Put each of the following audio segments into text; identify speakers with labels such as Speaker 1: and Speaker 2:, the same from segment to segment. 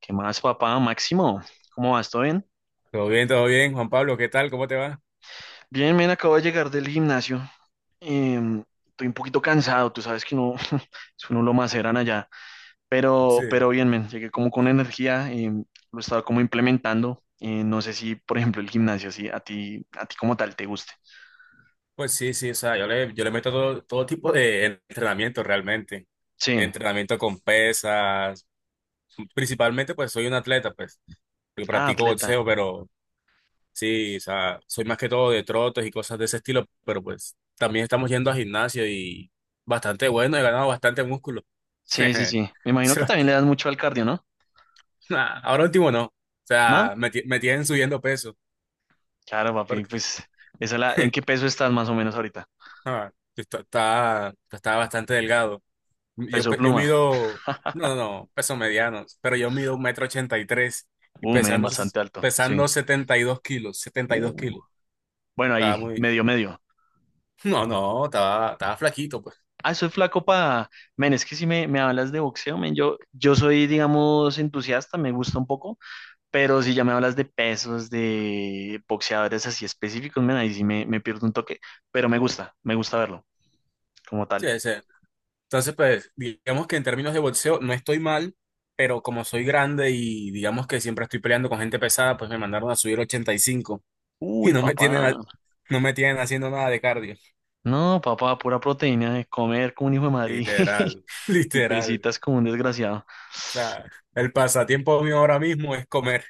Speaker 1: ¿Qué más, papá? Máximo, ¿cómo vas? ¿Todo bien?
Speaker 2: Todo bien, Juan Pablo, ¿qué tal? ¿Cómo te va?
Speaker 1: Bien, men, acabo de llegar del gimnasio. Estoy un poquito cansado, tú sabes que no, es uno lo maceran allá. Pero,
Speaker 2: Sí,
Speaker 1: pero bien, men, llegué como con energía, lo estaba como implementando. No sé si, por ejemplo, el gimnasio, así, a ti como tal te guste.
Speaker 2: pues sí, sí, o sea, yo le meto todo tipo de entrenamiento realmente.
Speaker 1: Sí,
Speaker 2: Entrenamiento con pesas, principalmente pues soy un atleta, pues, yo
Speaker 1: ah,
Speaker 2: practico
Speaker 1: atleta.
Speaker 2: boxeo, pero sí, o sea, soy más que todo de trotes y cosas de ese estilo, pero pues también estamos yendo a gimnasio y bastante bueno, he ganado bastante músculo.
Speaker 1: Sí, sí, sí. Me imagino que también le das mucho al cardio, ¿no?
Speaker 2: Ahora último no, o
Speaker 1: ¿No?
Speaker 2: sea, me tienen subiendo peso.
Speaker 1: Claro, papi,
Speaker 2: Porque
Speaker 1: pues, esa la, ¿en qué peso estás más o menos ahorita?
Speaker 2: ah, está bastante delgado. Yo,
Speaker 1: Peso
Speaker 2: pe- yo
Speaker 1: pluma.
Speaker 2: mido, no, no, no, peso mediano, pero yo mido 1,83 m y
Speaker 1: Men,
Speaker 2: pesando, ses-
Speaker 1: bastante alto,
Speaker 2: pesando
Speaker 1: sí.
Speaker 2: 72 kilos, 72 kilos.
Speaker 1: Bueno,
Speaker 2: Estaba
Speaker 1: ahí,
Speaker 2: muy,
Speaker 1: medio, medio.
Speaker 2: no, no, estaba flaquito, pues.
Speaker 1: Ah, soy flaco para... Men, es que si me hablas de boxeo, men, yo soy, digamos, entusiasta, me gusta un poco, pero si ya me hablas de pesos, de boxeadores así específicos, men, ahí sí me pierdo un toque, pero me gusta verlo como
Speaker 2: Sí,
Speaker 1: tal.
Speaker 2: sí. Entonces, pues, digamos que en términos de boxeo no estoy mal, pero como soy grande y digamos que siempre estoy peleando con gente pesada, pues me mandaron a subir 85 y cinco y
Speaker 1: Uy,
Speaker 2: no me
Speaker 1: papá.
Speaker 2: tienen, no me tienen haciendo nada de cardio.
Speaker 1: No, papá, pura proteína de comer como un hijo de Madrid y
Speaker 2: Literal,
Speaker 1: y
Speaker 2: literal.
Speaker 1: presitas como un desgraciado.
Speaker 2: O sea, el pasatiempo mío ahora mismo es comer,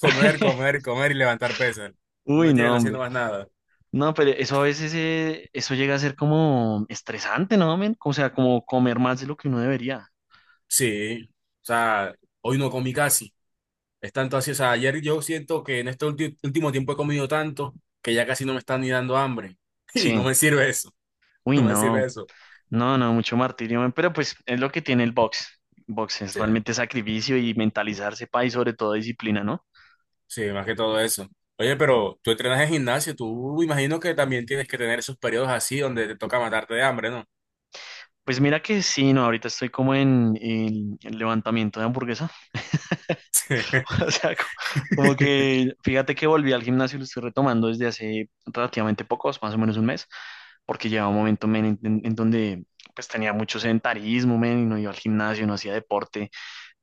Speaker 2: comer, comer, comer y levantar pesas. No me
Speaker 1: Uy, no,
Speaker 2: tienen haciendo
Speaker 1: hombre.
Speaker 2: más nada.
Speaker 1: No, pero eso a veces, eso llega a ser como estresante, ¿no, men? O sea, como comer más de lo que uno debería.
Speaker 2: Sí, o sea, hoy no comí casi. Es tanto así, o sea, ayer yo siento que en este último tiempo he comido tanto que ya casi no me está ni dando hambre. Y
Speaker 1: Sí.
Speaker 2: no me sirve eso,
Speaker 1: Uy,
Speaker 2: no me sirve
Speaker 1: no,
Speaker 2: eso.
Speaker 1: no, no, mucho martirio, men. Pero pues es lo que tiene el box. Box es
Speaker 2: Sí,
Speaker 1: realmente sacrificio y mentalizarse, pa, y sobre todo disciplina, ¿no?
Speaker 2: sí, más que todo eso. Oye, pero tú entrenas en gimnasio, tú imagino que también tienes que tener esos periodos así donde te toca matarte de hambre, ¿no?
Speaker 1: Pues mira que sí, no, ahorita estoy como en el levantamiento de hamburguesa. O sea, como, que fíjate que volví al gimnasio y lo estoy retomando desde hace relativamente pocos, más o menos un mes, porque llevaba un momento men, en donde pues tenía mucho sedentarismo, men, y no iba al gimnasio, no hacía deporte,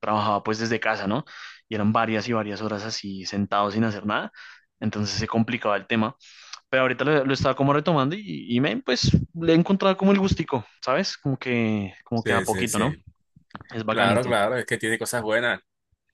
Speaker 1: trabajaba pues desde casa, ¿no? Y eran varias y varias horas así sentado sin hacer nada. Entonces se complicaba el tema, pero ahorita lo estaba como retomando y men, pues le he encontrado como el gustico, ¿sabes? Como que a
Speaker 2: Sí, sí,
Speaker 1: poquito, ¿no?
Speaker 2: sí.
Speaker 1: Es
Speaker 2: Claro,
Speaker 1: bacanito.
Speaker 2: claro, es que tiene cosas buenas.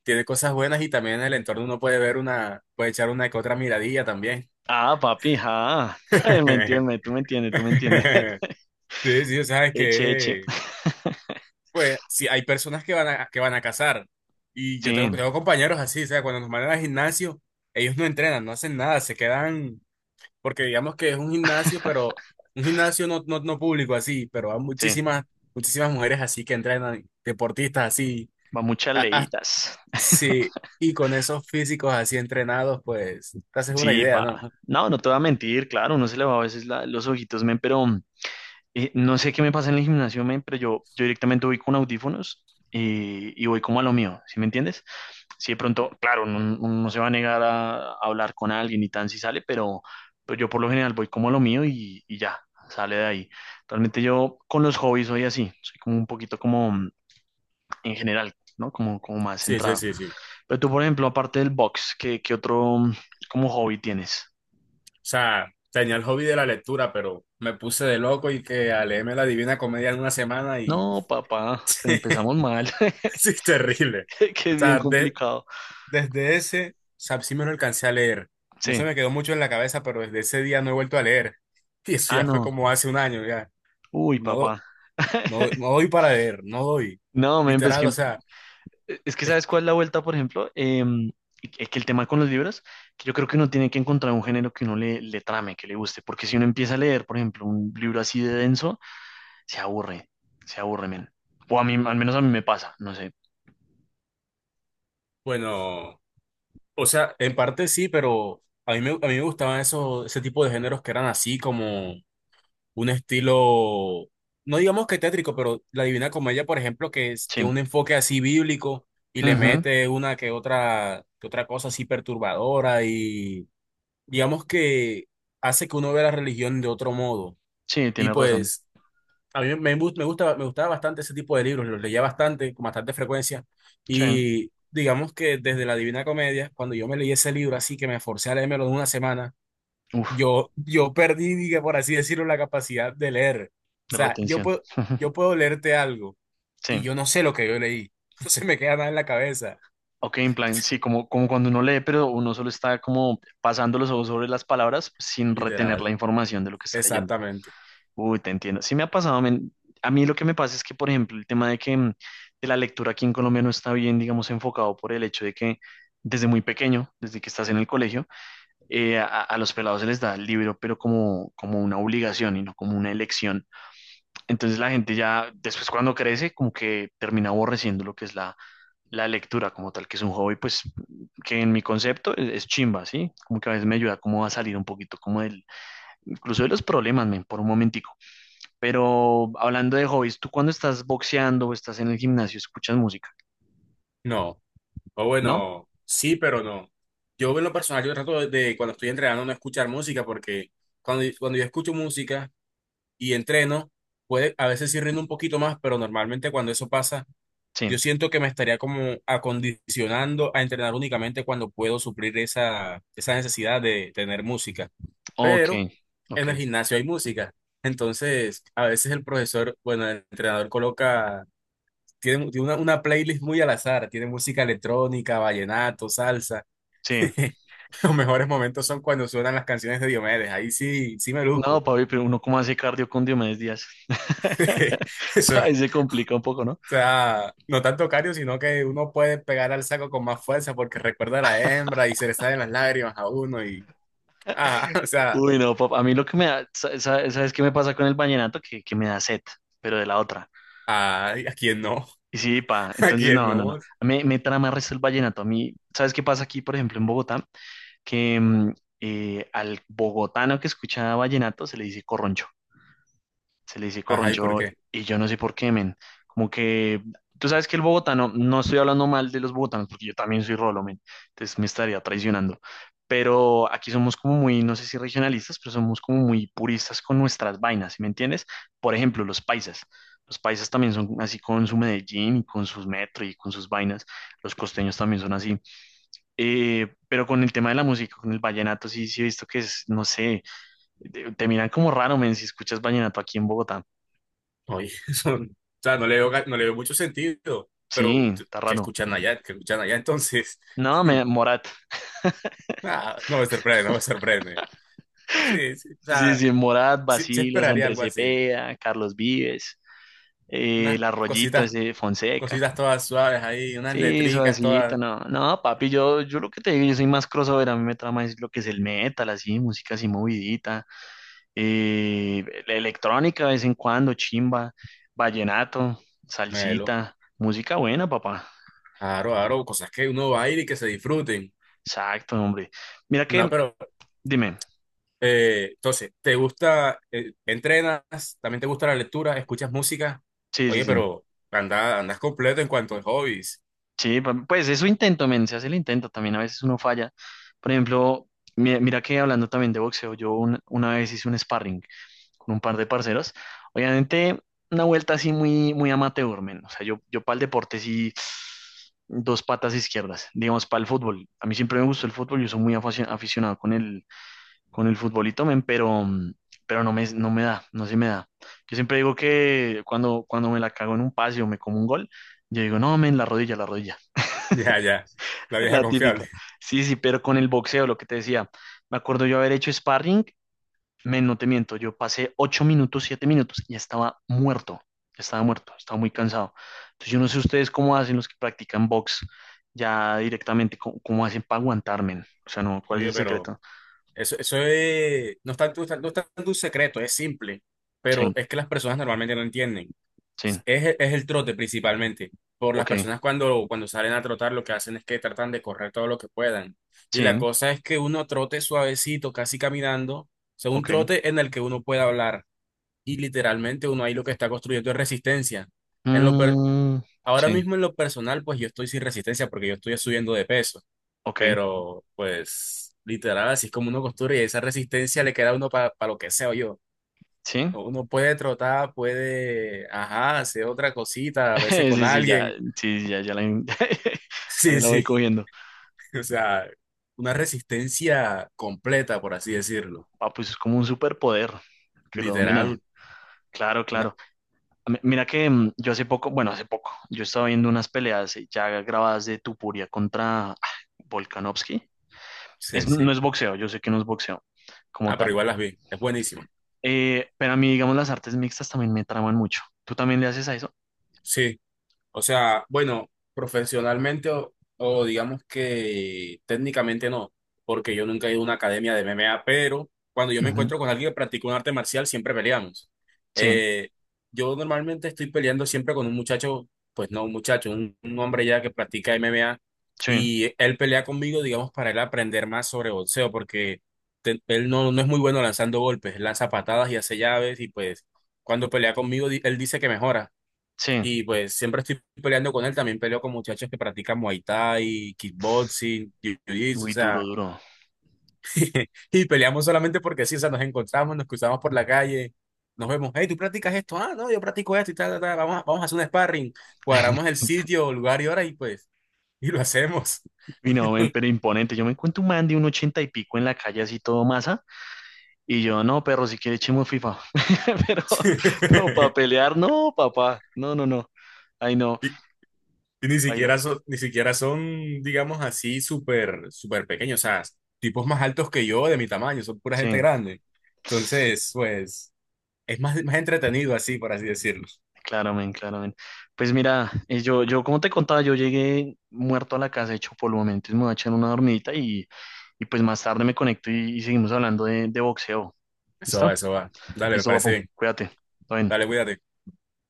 Speaker 2: Tiene cosas buenas y también en el entorno uno puede ver una, puede echar una que otra miradilla también.
Speaker 1: Ah, papi, ah. Me entiendes, tú me entiendes, tú me entiendes.
Speaker 2: Sí, sí, o sea, es
Speaker 1: Eche, eche.
Speaker 2: que, pues, sí, hay personas que van a cazar. Y yo tengo,
Speaker 1: Sí,
Speaker 2: tengo compañeros así, o sea, cuando nos mandan al gimnasio, ellos no entrenan, no hacen nada, se quedan, porque digamos que es un gimnasio, pero un gimnasio no público así, pero hay
Speaker 1: sí.
Speaker 2: muchísimas mujeres así que entrenan, deportistas así.
Speaker 1: Va muchas
Speaker 2: a- a-
Speaker 1: leídas.
Speaker 2: sí, y con esos físicos así entrenados, pues, te haces una
Speaker 1: Sí,
Speaker 2: idea,
Speaker 1: pa.
Speaker 2: ¿no?
Speaker 1: No, no te voy a mentir, claro, uno se le va a veces los ojitos, men, pero no sé qué me pasa en el gimnasio, men, pero yo directamente voy con audífonos y voy como a lo mío, ¿sí me entiendes? Si de pronto, claro, no se va a negar a hablar con alguien y tan si sale, pero yo por lo general voy como a lo mío y ya, sale de ahí. Realmente yo con los hobbies soy así, soy como un poquito como en general, ¿no? Como más
Speaker 2: Sí, sí,
Speaker 1: centrado.
Speaker 2: sí, sí.
Speaker 1: Pero tú, por ejemplo, aparte del box, ¿qué otro como hobby tienes?
Speaker 2: O sea, tenía el hobby de la lectura, pero me puse de loco y que a leerme la Divina Comedia en una semana y
Speaker 1: No, papá, pero
Speaker 2: sí,
Speaker 1: empezamos mal,
Speaker 2: sí, es terrible.
Speaker 1: que
Speaker 2: O
Speaker 1: es bien
Speaker 2: sea, de-
Speaker 1: complicado.
Speaker 2: desde ese, o sea, sí me lo alcancé a leer. No se
Speaker 1: Sí.
Speaker 2: me quedó mucho en la cabeza, pero desde ese día no he vuelto a leer. Y eso
Speaker 1: Ah,
Speaker 2: ya fue
Speaker 1: no.
Speaker 2: como hace un año, ya.
Speaker 1: Uy,
Speaker 2: No,
Speaker 1: papá.
Speaker 2: no, no doy para leer, no doy.
Speaker 1: No, men, pues
Speaker 2: Literal,
Speaker 1: que
Speaker 2: o sea,
Speaker 1: es que
Speaker 2: es,
Speaker 1: sabes cuál es la vuelta, por ejemplo, que el tema con los libros, que yo creo que uno tiene que encontrar un género que uno le trame, que le guste, porque si uno empieza a leer, por ejemplo, un libro así de denso, se aburre, se aburre, men. O a mí, al menos a mí me pasa, no sé.
Speaker 2: bueno, o sea, en parte sí, pero a mí me gustaban ese tipo de géneros que eran así como un estilo, no digamos que tétrico, pero la Divina Comedia, por ejemplo, que es-
Speaker 1: Sí.
Speaker 2: tiene un enfoque así bíblico y le
Speaker 1: Ujú.
Speaker 2: mete una que otra cosa así perturbadora y digamos que hace que uno vea la religión de otro modo.
Speaker 1: Sí,
Speaker 2: Y
Speaker 1: tienes razón.
Speaker 2: pues a mí me gustaba bastante ese tipo de libros, los leía bastante, con bastante frecuencia
Speaker 1: Sí.
Speaker 2: y digamos que desde la Divina Comedia, cuando yo me leí ese libro así que me forcé a leérmelo en una semana,
Speaker 1: Uf,
Speaker 2: yo perdí, diga, por así decirlo, la capacidad de leer. O
Speaker 1: de
Speaker 2: sea, yo
Speaker 1: retención.
Speaker 2: puedo, yo puedo leerte algo y
Speaker 1: Sí.
Speaker 2: yo no sé lo que yo leí. No se me queda nada en la cabeza.
Speaker 1: Ok, en plan, sí, como cuando uno lee, pero uno solo está como pasando los ojos sobre las palabras sin retener la
Speaker 2: Literal.
Speaker 1: información de lo que está leyendo.
Speaker 2: Exactamente.
Speaker 1: Uy, te entiendo. Sí me ha pasado, men. A mí lo que me pasa es que, por ejemplo, el tema de que de la lectura aquí en Colombia no está bien, digamos, enfocado por el hecho de que desde muy pequeño, desde que estás en el colegio, a los pelados se les da el libro, pero como una obligación y no como una elección. Entonces la gente ya, después cuando crece, como que termina aborreciendo lo que es la lectura como tal, que es un hobby, pues que en mi concepto es chimba, ¿sí? Como que a veces me ayuda como a salir un poquito como del, incluso de los problemas, men, por un momentico. Pero hablando de hobbies, ¿tú cuando estás boxeando o estás en el gimnasio escuchas música?
Speaker 2: No. O
Speaker 1: ¿No?
Speaker 2: bueno, sí, pero no. Yo en lo personal, yo trato de cuando estoy entrenando no escuchar música porque cuando yo escucho música y entreno, puede, a veces sí rindo un poquito más, pero normalmente cuando eso pasa,
Speaker 1: Sí.
Speaker 2: yo siento que me estaría como acondicionando a entrenar únicamente cuando puedo suplir esa necesidad de tener música.
Speaker 1: Ok,
Speaker 2: Pero
Speaker 1: ok.
Speaker 2: en el gimnasio hay música. Entonces, a veces el profesor, bueno, el entrenador coloca, tiene una playlist muy al azar, tiene música electrónica, vallenato, salsa.
Speaker 1: Sí.
Speaker 2: Los mejores momentos son cuando suenan las canciones de Diomedes. Ahí sí, sí me
Speaker 1: No,
Speaker 2: luzco.
Speaker 1: Pablo, pero uno cómo hace cardio con Diomedes Díaz.
Speaker 2: Eso
Speaker 1: Ahí se complica un poco, ¿no?
Speaker 2: sea, no tanto cario, sino que uno puede pegar al saco con más fuerza porque recuerda a la hembra y se le salen las lágrimas a uno y, ah, o sea,
Speaker 1: Uy, no, papá. A mí lo que me da, ¿sabes qué me pasa con el vallenato? Que me da sed, pero de la otra.
Speaker 2: ay, ¿a quién no?
Speaker 1: Y sí, pa,
Speaker 2: ¿A
Speaker 1: entonces
Speaker 2: quién
Speaker 1: no, no, no.
Speaker 2: no?
Speaker 1: Me trama el resto el vallenato. A mí, ¿sabes qué pasa aquí, por ejemplo, en Bogotá? Que al bogotano que escucha vallenato se le dice corroncho. Se le dice
Speaker 2: Ajá, ¿y por
Speaker 1: corroncho
Speaker 2: qué?
Speaker 1: y yo no sé por qué, men. Como que tú sabes que el bogotano, no estoy hablando mal de los bogotanos porque yo también soy rolo, men. Entonces me estaría traicionando. Pero aquí somos como muy, no sé si regionalistas, pero somos como muy puristas con nuestras vainas, ¿sí me entiendes? Por ejemplo, los paisas. Los paisas también son así con su Medellín y con sus metro y con sus vainas. Los costeños también son así. Pero con el tema de la música, con el vallenato, sí, sí he visto que es, no sé, te miran como raro, men, si escuchas vallenato aquí en Bogotá.
Speaker 2: Oye, son, o sea, no le veo mucho sentido, pero
Speaker 1: Sí,
Speaker 2: usted-
Speaker 1: está
Speaker 2: ¿qué
Speaker 1: raro.
Speaker 2: escuchan allá? ¿Qué escuchan allá? Entonces,
Speaker 1: No,
Speaker 2: hmm,
Speaker 1: Morat.
Speaker 2: ah, no me sorprende, no me sorprende. Sí, sí, o
Speaker 1: Sí,
Speaker 2: sea,
Speaker 1: sí, Morat,
Speaker 2: sí, sí
Speaker 1: Bacilos,
Speaker 2: esperaría
Speaker 1: Andrés
Speaker 2: algo así.
Speaker 1: Cepeda, Carlos Vives,
Speaker 2: Unas
Speaker 1: Las Rollitas
Speaker 2: cositas,
Speaker 1: de Fonseca.
Speaker 2: cositas todas suaves ahí, unas
Speaker 1: Sí,
Speaker 2: letricas
Speaker 1: suavecito,
Speaker 2: todas.
Speaker 1: no. No, papi, yo lo que te digo, yo soy más crossover, a mí me trama es lo que es el metal, así, música así movidita, la electrónica de vez en cuando, chimba, vallenato,
Speaker 2: Melo.
Speaker 1: salsita, música buena, papá.
Speaker 2: Aro, aro, cosas que uno va a ir y que se disfruten.
Speaker 1: Exacto, hombre. Mira
Speaker 2: No,
Speaker 1: que,
Speaker 2: pero
Speaker 1: dime,
Speaker 2: entonces, ¿te gusta, entrenas, también te gusta la lectura, escuchas música?
Speaker 1: sí, sí,
Speaker 2: Oye,
Speaker 1: sí.
Speaker 2: pero andas completo en cuanto a hobbies.
Speaker 1: Sí, pues eso intento, men, se hace el intento, también a veces uno falla. Por ejemplo, mira que hablando también de boxeo, yo una vez hice un sparring con un par de parceros, obviamente una vuelta así muy, muy amateur, men, o sea, yo para el deporte sí, dos patas izquierdas, digamos, para el fútbol, a mí siempre me gustó el fútbol, yo soy muy aficionado con el futbolito, men, pero no me da, no se me da. Yo siempre digo que cuando me la cago en un pase o me como un gol, yo digo, no, men, la rodilla, la rodilla.
Speaker 2: Ya, ya, la vieja
Speaker 1: La típica.
Speaker 2: confiable.
Speaker 1: Sí, sí, pero con el boxeo, lo que te decía, me acuerdo yo haber hecho sparring, no te miento, yo pasé 8 minutos, 7 minutos y ya estaba muerto, estaba muy cansado. Entonces yo no sé ustedes cómo hacen los que practican box ya directamente, cómo hacen para aguantarme. O sea, no, ¿cuál es
Speaker 2: Oye,
Speaker 1: el
Speaker 2: pero
Speaker 1: secreto?
Speaker 2: eso es, no es tanto, no es tanto un secreto, es simple, pero
Speaker 1: Sí,
Speaker 2: es que las personas normalmente no entienden.
Speaker 1: sí,
Speaker 2: Es el trote principalmente. Por las
Speaker 1: ok,
Speaker 2: personas cuando salen a trotar lo que hacen es que tratan de correr todo lo que puedan. Y la
Speaker 1: sí,
Speaker 2: cosa es que uno trote suavecito, casi caminando, o sea, un
Speaker 1: ok.
Speaker 2: trote en el que uno pueda hablar. Y literalmente uno ahí lo que está construyendo es resistencia. En lo per-
Speaker 1: Mm,
Speaker 2: ahora
Speaker 1: sí,
Speaker 2: mismo en lo personal, pues yo estoy sin resistencia porque yo estoy subiendo de peso.
Speaker 1: ok,
Speaker 2: Pero, pues, literal, así es como uno costura y esa resistencia le queda a uno para lo que sea yo.
Speaker 1: sí.
Speaker 2: Uno puede trotar, puede, ajá, hacer otra cosita, a veces con
Speaker 1: Sí, sí, ya,
Speaker 2: alguien.
Speaker 1: sí, ya, ya la, ahí
Speaker 2: Sí,
Speaker 1: la voy
Speaker 2: sí.
Speaker 1: cogiendo.
Speaker 2: O sea, una resistencia completa, por así decirlo.
Speaker 1: Ah, pues es como un superpoder que lo domina.
Speaker 2: Literal.
Speaker 1: Claro,
Speaker 2: Una-
Speaker 1: claro. Mira que yo hace poco, bueno, hace poco, yo estaba viendo unas peleas ya grabadas de Tupuria contra Volkanovski.
Speaker 2: Sí,
Speaker 1: No
Speaker 2: sí.
Speaker 1: es boxeo, yo sé que no es boxeo como
Speaker 2: Ah, pero
Speaker 1: tal.
Speaker 2: igual las vi. Es buenísimo.
Speaker 1: Pero a mí, digamos, las artes mixtas también me traman mucho. ¿Tú también le haces a eso?
Speaker 2: Sí. O sea, bueno, profesionalmente o digamos que técnicamente no, porque yo nunca he ido a una academia de MMA, pero cuando yo me
Speaker 1: Ujú.
Speaker 2: encuentro con alguien que practica un arte marcial, siempre peleamos.
Speaker 1: Sí,
Speaker 2: Eh, yo normalmente estoy peleando siempre con un muchacho, pues no un muchacho, un hombre ya que practica MMA,
Speaker 1: sí,
Speaker 2: y él pelea conmigo, digamos, para él aprender más sobre boxeo, porque él no es muy bueno lanzando golpes, él lanza patadas y hace llaves, y pues cuando pelea conmigo, él dice que mejora.
Speaker 1: sí.
Speaker 2: Y pues siempre estoy peleando con él, también peleo con muchachos que practican Muay Thai, kickboxing, jiu-jitsu, o
Speaker 1: Uy, duro,
Speaker 2: sea,
Speaker 1: duro.
Speaker 2: y peleamos solamente porque sí, o sea, nos encontramos, nos cruzamos por la calle, nos vemos, hey, ¿tú practicas esto? Ah, no, yo practico esto y tal, tal, tal, vamos, vamos a hacer un sparring, cuadramos el sitio, lugar y hora y pues, y lo hacemos.
Speaker 1: Y no, ven, pero imponente. Yo me encuentro un man de un ochenta y pico en la calle, así todo masa. Y yo, no, perro, si quiere echemos FIFA. Pero, pero para pelear, no, papá. No, no, no. Ay, no,
Speaker 2: Y, y ni
Speaker 1: baila.
Speaker 2: siquiera son, ni siquiera son, digamos así, súper, súper pequeños, o sea, tipos más altos que yo, de mi tamaño, son pura gente
Speaker 1: Sí.
Speaker 2: grande. Entonces, pues, es más, más entretenido así, por así decirlo.
Speaker 1: Claro, men, claro, men. Pues mira, yo, como te contaba, yo llegué muerto a la casa, hecho polvo, men. Entonces me voy a echar una dormidita y pues más tarde me conecto y seguimos hablando de boxeo.
Speaker 2: Eso
Speaker 1: ¿Listo?
Speaker 2: va, eso va. Dale, me
Speaker 1: Listo,
Speaker 2: parece
Speaker 1: papu.
Speaker 2: bien.
Speaker 1: Cuídate. Todo bien.
Speaker 2: Dale, cuídate.